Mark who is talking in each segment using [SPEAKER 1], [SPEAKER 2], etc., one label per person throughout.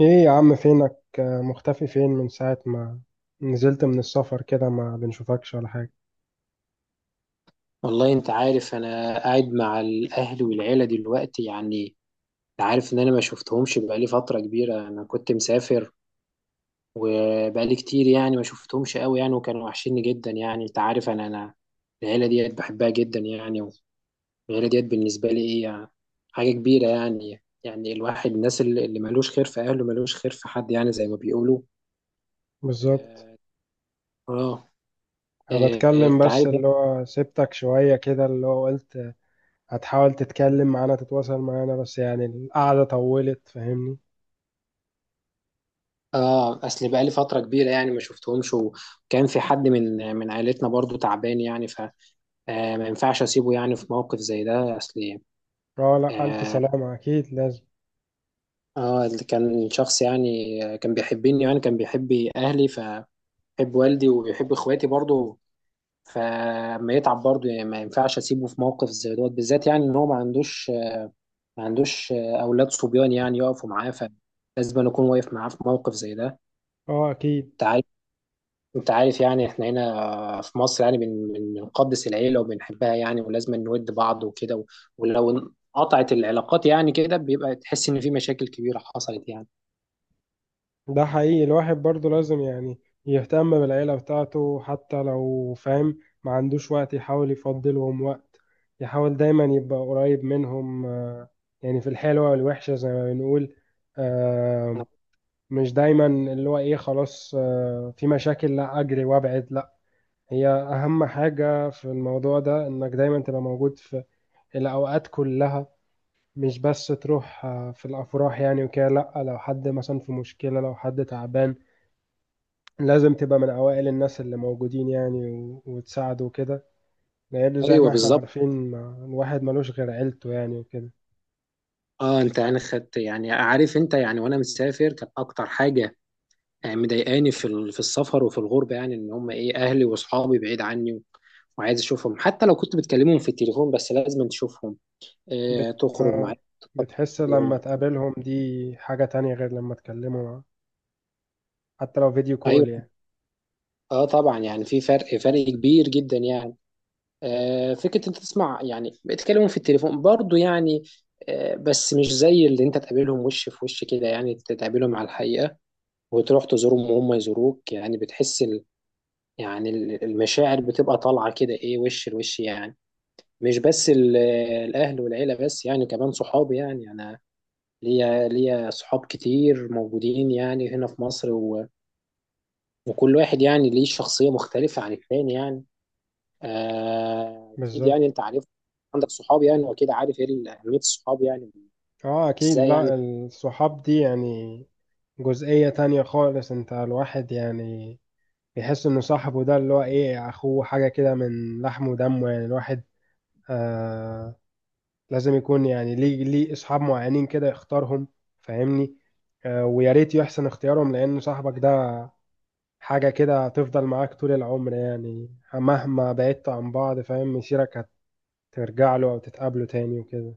[SPEAKER 1] ايه يا عم، فينك؟ مختفي فين من ساعة ما نزلت من السفر كده؟ ما بنشوفكش ولا حاجة.
[SPEAKER 2] والله، انت عارف، انا قاعد مع الاهل والعيله دلوقتي يعني. انت عارف ان انا ما شفتهمش بقالي فتره كبيره. انا كنت مسافر وبقالي كتير يعني، ما شفتهمش قوي يعني، وكانوا وحشيني جدا يعني. انت عارف، انا العيله ديت بحبها جدا يعني. والعيله ديت بالنسبه لي ايه يعني؟ حاجه كبيره يعني الواحد، الناس اللي ملوش خير في اهله ملوش خير في حد، يعني زي ما بيقولوا.
[SPEAKER 1] بالظبط.
[SPEAKER 2] اه. آه.
[SPEAKER 1] انا
[SPEAKER 2] آه.
[SPEAKER 1] بتكلم
[SPEAKER 2] انت
[SPEAKER 1] بس
[SPEAKER 2] عارف.
[SPEAKER 1] اللي هو سبتك شوية كده، اللي هو قلت هتحاول تتكلم معانا، تتواصل معانا، بس يعني القعدة طولت، فاهمني.
[SPEAKER 2] اه، اصل بقالي فتره كبيره يعني ما شفتهمش. وكان في حد من عائلتنا برضو تعبان يعني، فما ينفعش اسيبه يعني في موقف زي ده، اصل.
[SPEAKER 1] اه، لا، ألف
[SPEAKER 2] اه.
[SPEAKER 1] سلامة، أكيد لازم.
[SPEAKER 2] اللي كان شخص يعني، كان بيحبني يعني. كان بيحب اهلي، فبيحب والدي وبيحب اخواتي برضو. فما يتعب برضو يعني، ما ينفعش اسيبه في موقف زي دوت بالذات يعني. ان هو ما عندوش اولاد صبيان يعني يقفوا معاه. فلازم أنا اكون واقف معاه في موقف زي ده.
[SPEAKER 1] اه أكيد.
[SPEAKER 2] انت عارف يعني، احنا هنا في مصر يعني بنقدس العيله وبنحبها يعني، ولازم نود بعض وكده. ولو انقطعت العلاقات يعني، كده بيبقى تحس ان في مشاكل كبيره حصلت يعني.
[SPEAKER 1] ده حقيقي، الواحد برضه لازم يعني يهتم بالعيلة بتاعته، حتى لو فاهم ما عندوش وقت، يحاول يفضلهم وقت، يحاول دايما يبقى قريب منهم. يعني في الحلوة والوحشة زي ما بنقول. آه، مش دايما اللي هو ايه، خلاص في مشاكل لا اجري وابعد، لا. هي اهم حاجة في الموضوع ده، انك دايما تبقى موجود في الاوقات كلها. مش بس تروح في الافراح يعني وكده، لا، لو حد مثلا في مشكلة، لو حد تعبان، لازم تبقى من أوائل الناس اللي موجودين يعني وتساعده وكده. لأن زي
[SPEAKER 2] ايوه
[SPEAKER 1] ما احنا
[SPEAKER 2] بالظبط.
[SPEAKER 1] عارفين ما... الواحد ملوش غير عيلته يعني، وكده.
[SPEAKER 2] اه، انت يعني خدت يعني. عارف انت، يعني وانا مسافر كان اكتر حاجه يعني مضايقاني في في السفر وفي الغربه يعني، ان هم ايه، اهلي واصحابي بعيد عني وعايز اشوفهم. حتى لو كنت بتكلمهم في التليفون، بس لازم تشوفهم، آه،
[SPEAKER 1] بت...
[SPEAKER 2] تخرج معاهم
[SPEAKER 1] آه
[SPEAKER 2] تقضي
[SPEAKER 1] بتحس
[SPEAKER 2] يوم.
[SPEAKER 1] لما تقابلهم دي حاجة تانية غير لما تكلموا، حتى لو فيديو كول
[SPEAKER 2] ايوه.
[SPEAKER 1] يعني.
[SPEAKER 2] اه طبعا يعني، في فرق كبير جدا يعني. آه، فكره، انت تسمع يعني، بيتكلموا في التليفون برضو يعني، آه، بس مش زي اللي انت تقابلهم وش في وش كده يعني. تقابلهم على الحقيقه وتروح تزورهم وهم يزوروك يعني. بتحس يعني المشاعر بتبقى طالعه كده، ايه، وش لوش يعني. مش بس الاهل والعيله، بس يعني كمان صحابي يعني. انا ليا صحاب كتير موجودين يعني هنا في مصر، وكل واحد يعني ليه شخصيه مختلفه عن التاني يعني. آه، اكيد يعني
[SPEAKER 1] بالظبط.
[SPEAKER 2] انت عارف، عندك صحاب يعني، واكيد عارف ايه اهميه الصحاب يعني.
[SPEAKER 1] اه أكيد،
[SPEAKER 2] ازاي يعني؟
[SPEAKER 1] لا الصحاب دي يعني جزئية تانية خالص. انت الواحد يعني يحس انه صاحبه ده اللي هو ايه، اخوه، حاجة كده من لحم ودمه يعني. الواحد آه لازم يكون يعني ليه اصحاب معينين كده يختارهم، فاهمني. ويا ريت يحسن اختيارهم، لان صاحبك ده حاجة كده هتفضل معاك طول العمر، يعني مهما بعدت عن بعض، فاهم، مسيرك هترجع له او تتقابله تاني وكده.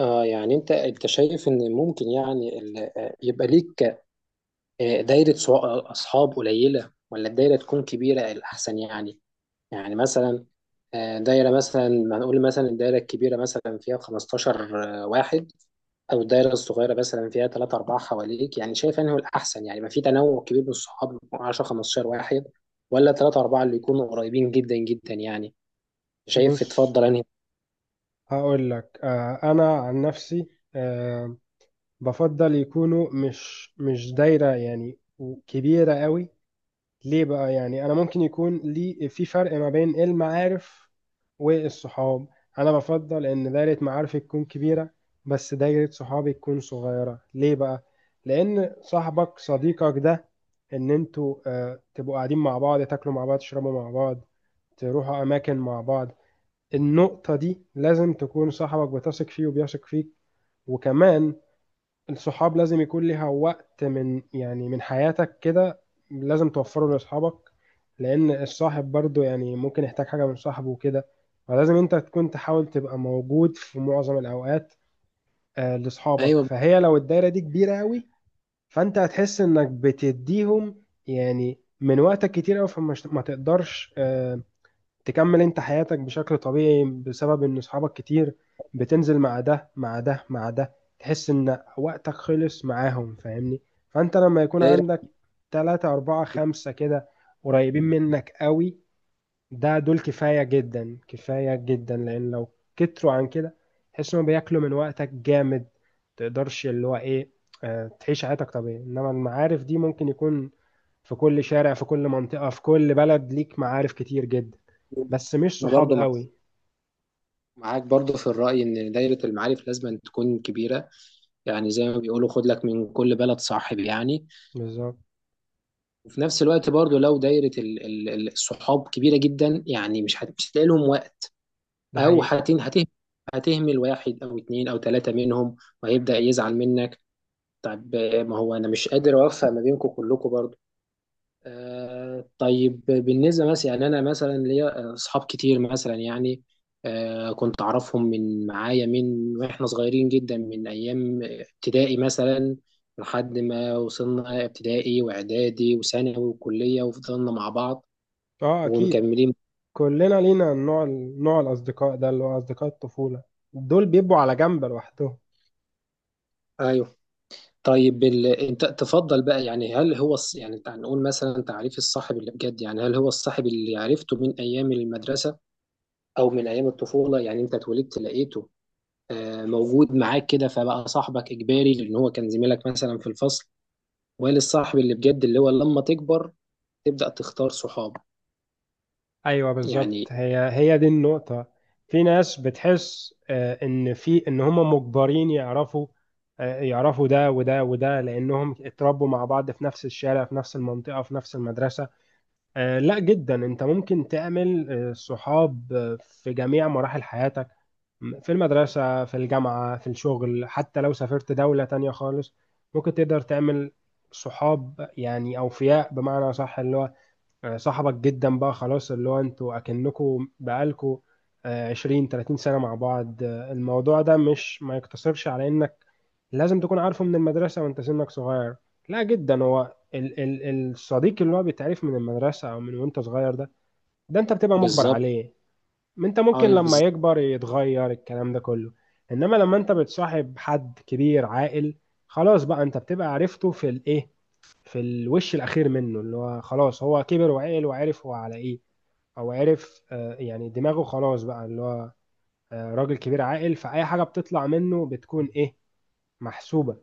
[SPEAKER 2] آه يعني، انت شايف ان ممكن يعني يبقى ليك دايره اصحاب قليله، ولا الدايره تكون كبيره الاحسن يعني؟ يعني مثلا، دايره مثلا، هنقول مثلا الدايره الكبيره مثلا فيها 15 واحد، او الدايره الصغيره مثلا فيها ثلاثة أربعة حواليك. يعني شايف انه الأحسن يعني يبقى في تنوع كبير من الصحاب، 10 15 واحد، ولا ثلاثة أربعة اللي يكونوا قريبين جدا جدا يعني؟ شايف
[SPEAKER 1] بص،
[SPEAKER 2] تفضل انهي؟
[SPEAKER 1] هقول لك انا عن نفسي آه، بفضل يكونوا مش دايرة يعني كبيرة قوي. ليه بقى؟ يعني انا ممكن يكون لي في فرق ما بين المعارف والصحاب. انا بفضل ان دايرة معارفي تكون كبيرة، بس دايرة صحابي تكون صغيرة. ليه بقى؟ لان صاحبك صديقك ده، ان انتوا تبقوا قاعدين مع بعض، تاكلوا مع بعض، تشربوا مع بعض، تروحوا اماكن مع بعض. النقطة دي لازم تكون صاحبك بتثق فيه وبيثق فيك. وكمان الصحاب لازم يكون ليها وقت من يعني من حياتك كده، لازم توفره لاصحابك، لان الصاحب برضو يعني ممكن يحتاج حاجة من صاحبه وكده. فلازم انت تكون تحاول تبقى موجود في معظم الاوقات لاصحابك.
[SPEAKER 2] ايوه.
[SPEAKER 1] فهي لو الدايرة دي كبيرة قوي، فانت هتحس انك بتديهم يعني من وقتك كتير قوي، فما ما تقدرش تكمل انت حياتك بشكل طبيعي بسبب ان اصحابك كتير. بتنزل مع ده مع ده مع ده، تحس ان وقتك خلص معاهم، فاهمني. فانت لما يكون
[SPEAKER 2] دايره.
[SPEAKER 1] عندك تلاتة اربعة خمسة كده قريبين منك قوي، ده دول كفاية جدا، كفاية جدا. لان لو كتروا عن كده تحس انهم بياكلوا من وقتك جامد، تقدرش اللي هو ايه، اه، تعيش حياتك طبيعي. انما المعارف دي ممكن يكون في كل شارع، في كل منطقة، في كل بلد ليك معارف كتير جدا، بس مش
[SPEAKER 2] انا
[SPEAKER 1] صحاب
[SPEAKER 2] برضو
[SPEAKER 1] قوي.
[SPEAKER 2] معاك برضو في الرأي ان دايرة المعارف لازم تكون كبيرة. يعني زي ما بيقولوا خد لك من كل بلد صاحب يعني.
[SPEAKER 1] بالظبط.
[SPEAKER 2] وفي نفس الوقت برضو، لو دايرة الصحاب كبيرة جدا يعني، مش هتلاقي لهم،
[SPEAKER 1] ده
[SPEAKER 2] او
[SPEAKER 1] حقيقي.
[SPEAKER 2] هتهمل واحد او اتنين او تلاتة منهم، وهيبدأ يزعل منك. طب، ما هو انا مش قادر اوفق ما بينكم كلكم برضه. طيب بالنسبة مثلا يعني، انا مثلا ليا اصحاب كتير مثلا يعني. كنت اعرفهم من معايا من واحنا صغيرين جدا، من ايام ابتدائي مثلا، لحد ما وصلنا ابتدائي واعدادي وثانوي وكلية وفضلنا مع بعض
[SPEAKER 1] اه اكيد،
[SPEAKER 2] ومكملين.
[SPEAKER 1] كلنا لينا نوع، نوع الاصدقاء ده اللي هو اصدقاء الطفولة، دول بيبقوا على جنب لوحدهم.
[SPEAKER 2] ايوه. طيب انت تفضل بقى يعني. يعني تعال نقول مثلا تعريف الصاحب اللي بجد يعني. هل هو الصاحب اللي عرفته من ايام المدرسه، او من ايام الطفوله، يعني انت اتولدت لقيته موجود معاك كده، فبقى صاحبك اجباري لان هو كان زميلك مثلا في الفصل؟ ولا الصاحب اللي بجد اللي هو لما تكبر تبدا تختار صحاب
[SPEAKER 1] ايوه بالظبط،
[SPEAKER 2] يعني؟
[SPEAKER 1] هي دي النقطة. في ناس بتحس ان في ان هم مجبرين يعرفوا يعرفوا ده وده وده، لانهم اتربوا مع بعض في نفس الشارع، في نفس المنطقة، في نفس المدرسة. لا جدا، انت ممكن تعمل صحاب في جميع مراحل حياتك، في المدرسة، في الجامعة، في الشغل، حتى لو سافرت دولة تانية خالص ممكن تقدر تعمل صحاب يعني أوفياء بمعنى صح، اللي هو صاحبك جدا بقى خلاص، اللي هو انتوا اكنكوا بقالكوا 20 30 سنة مع بعض. الموضوع ده مش ما يقتصرش على انك لازم تكون عارفه من المدرسة وانت سنك صغير، لا جدا. هو ال الصديق اللي هو بيتعرف من المدرسة او من وانت صغير ده، ده انت بتبقى مجبر
[SPEAKER 2] بالظبط.
[SPEAKER 1] عليه. انت ممكن
[SPEAKER 2] اي
[SPEAKER 1] لما
[SPEAKER 2] بالظبط.
[SPEAKER 1] يكبر يتغير الكلام ده كله. انما لما انت بتصاحب حد كبير عاقل، خلاص بقى انت بتبقى عرفته في الايه، في الوش الأخير منه، اللي هو خلاص هو كبر وعقل وعرف هو على إيه، أو عرف يعني دماغه خلاص بقى اللي هو راجل كبير عاقل، فأي حاجة بتطلع منه بتكون إيه، محسوبة.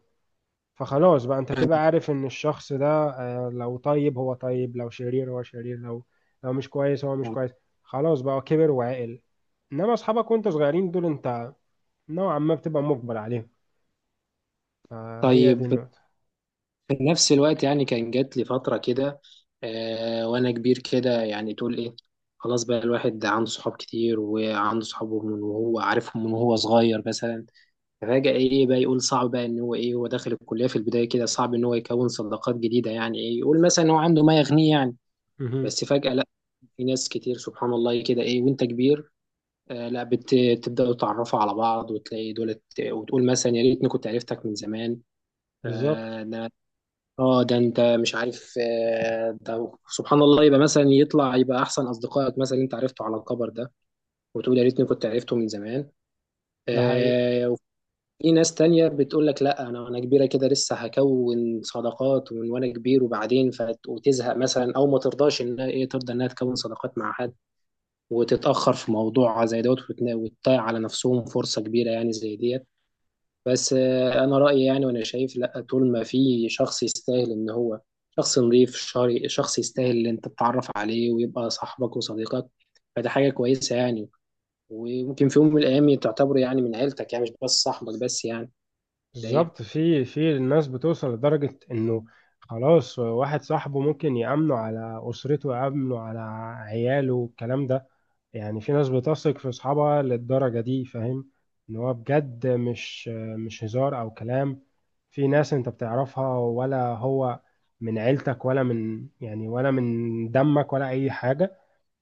[SPEAKER 1] فخلاص بقى أنت بتبقى عارف إن الشخص ده لو طيب هو طيب، لو شرير هو شرير، لو مش كويس هو مش كويس، خلاص بقى هو كبر وعقل. إنما أصحابك وأنت صغيرين دول، أنت نوعا ما بتبقى مجبر عليهم. فهي دي
[SPEAKER 2] طيب،
[SPEAKER 1] النقطة.
[SPEAKER 2] في نفس الوقت يعني، كان جات لي فترة كده وأنا كبير كده، يعني تقول إيه، خلاص بقى الواحد عنده صحاب كتير وعنده صحابه من وهو عارفهم من وهو صغير مثلا. فجأة إيه بقى يقول، صعب بقى إن هو إيه، هو داخل الكلية في البداية كده، صعب إن هو يكون صداقات جديدة. يعني إيه يقول مثلا، هو عنده ما يغنيه يعني.
[SPEAKER 1] مهم.
[SPEAKER 2] بس فجأة لا، في ناس كتير سبحان الله كده إيه وأنت كبير، لا، بتبدأوا تعرفوا على بعض وتلاقي دولت، وتقول مثلا يا ريتني كنت عرفتك من
[SPEAKER 1] بالظبط.
[SPEAKER 2] زمان. اه. ده انت مش عارف، ده سبحان الله يبقى مثلا يطلع يبقى احسن اصدقائك مثلا انت عرفته على الكبر ده. وتقول يا ريتني كنت عرفته من زمان.
[SPEAKER 1] ده حقيقي.
[SPEAKER 2] آه، وفي ناس تانية بتقول لك لا، انا كبيره كده لسه هكون صداقات، ومن وانا كبير وبعدين وتزهق مثلا، او ما ترضاش انها ايه، ترضى انها تكون صداقات مع حد. وتتاخر في موضوع زي دوت، وتضيع على نفسهم فرصه كبيره يعني زي ديت. بس انا رايي يعني، وانا شايف لا، طول ما في شخص يستاهل ان هو شخص نظيف، شخص يستاهل ان انت تتعرف عليه ويبقى صاحبك وصديقك، فده حاجه كويسه يعني. وممكن في يوم من الايام تعتبره يعني من عيلتك يعني، مش بس صاحبك بس يعني. ده ايه.
[SPEAKER 1] بالظبط. في الناس بتوصل لدرجة انه خلاص، واحد صاحبه ممكن يأمنه على أسرته، يأمنه على عياله والكلام ده. يعني في ناس بتثق في أصحابها للدرجة دي، فاهم؟ ان هو بجد مش هزار أو كلام. في ناس انت بتعرفها ولا هو من عيلتك ولا من يعني، ولا من دمك ولا أي حاجة،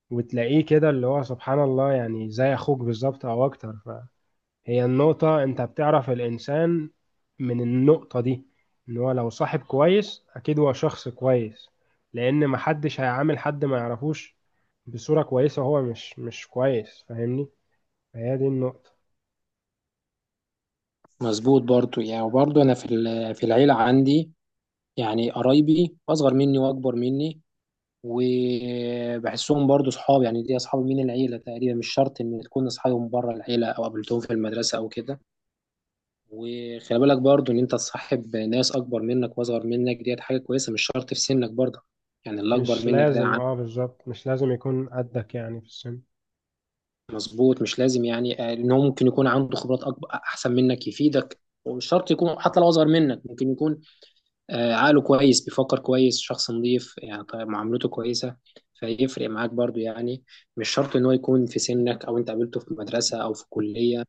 [SPEAKER 1] وتلاقيه كده اللي هو سبحان الله يعني زي أخوك بالظبط أو أكتر. هي النقطة، انت بتعرف الانسان من النقطة دي، ان هو لو صاحب كويس اكيد هو شخص كويس، لان محدش هيعامل حد ما يعرفوش بصورة كويسة وهو مش كويس، فاهمني. فهي دي النقطة.
[SPEAKER 2] مظبوط. برضو يعني، وبرضو انا في في العيله عندي يعني قرايبي اصغر مني واكبر مني، وبحسهم برضو صحاب يعني. دي اصحاب من العيله تقريبا، مش شرط ان تكون اصحابهم بره العيله او قابلتهم في المدرسه او كده. وخلي بالك برضو، ان انت تصاحب ناس اكبر منك واصغر منك، ديت حاجه كويسه، مش شرط في سنك برضه. يعني اللي اكبر
[SPEAKER 1] مش
[SPEAKER 2] منك ده
[SPEAKER 1] لازم،
[SPEAKER 2] عم.
[SPEAKER 1] اه بالظبط مش لازم يكون قدك يعني في السن.
[SPEAKER 2] مظبوط، مش لازم يعني. ان هو ممكن يكون عنده خبرات اكبر احسن منك يفيدك، ومش شرط يكون. حتى لو اصغر منك ممكن يكون عقله كويس، بيفكر كويس، شخص نظيف يعني، طيب، معاملته كويسه، فيفرق معاك برضو يعني. مش شرط ان هو يكون في سنك او انت قابلته في مدرسه او في كليه،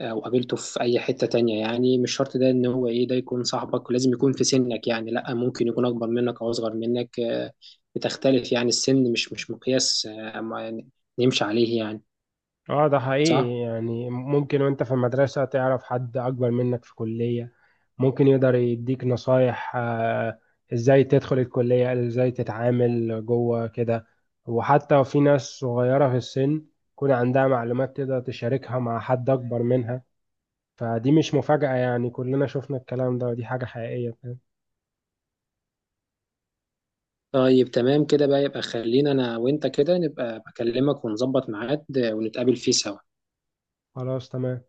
[SPEAKER 2] وقابلته في اي حتة تانية يعني. مش شرط ده ان هو ايه، ده يكون صاحبك لازم يكون في سنك يعني. لا، ممكن يكون اكبر منك او اصغر منك. بتختلف يعني السن، مش مقياس ما يعني نمشي عليه يعني.
[SPEAKER 1] اه ده
[SPEAKER 2] صح.
[SPEAKER 1] حقيقي، يعني ممكن وانت في المدرسة تعرف حد اكبر منك في كلية، ممكن يقدر يديك نصايح ازاي تدخل الكلية، ازاي تتعامل جوه كده. وحتى في ناس صغيرة في السن يكون عندها معلومات تقدر تشاركها مع حد اكبر منها. فدي مش مفاجأة، يعني كلنا شفنا الكلام ده، ودي حاجة حقيقية، فاهم؟
[SPEAKER 2] طيب تمام كده بقى. يبقى خلينا انا وانت كده نبقى بكلمك ونظبط ميعاد، ونتقابل فيه سوا.
[SPEAKER 1] خلاص تمام.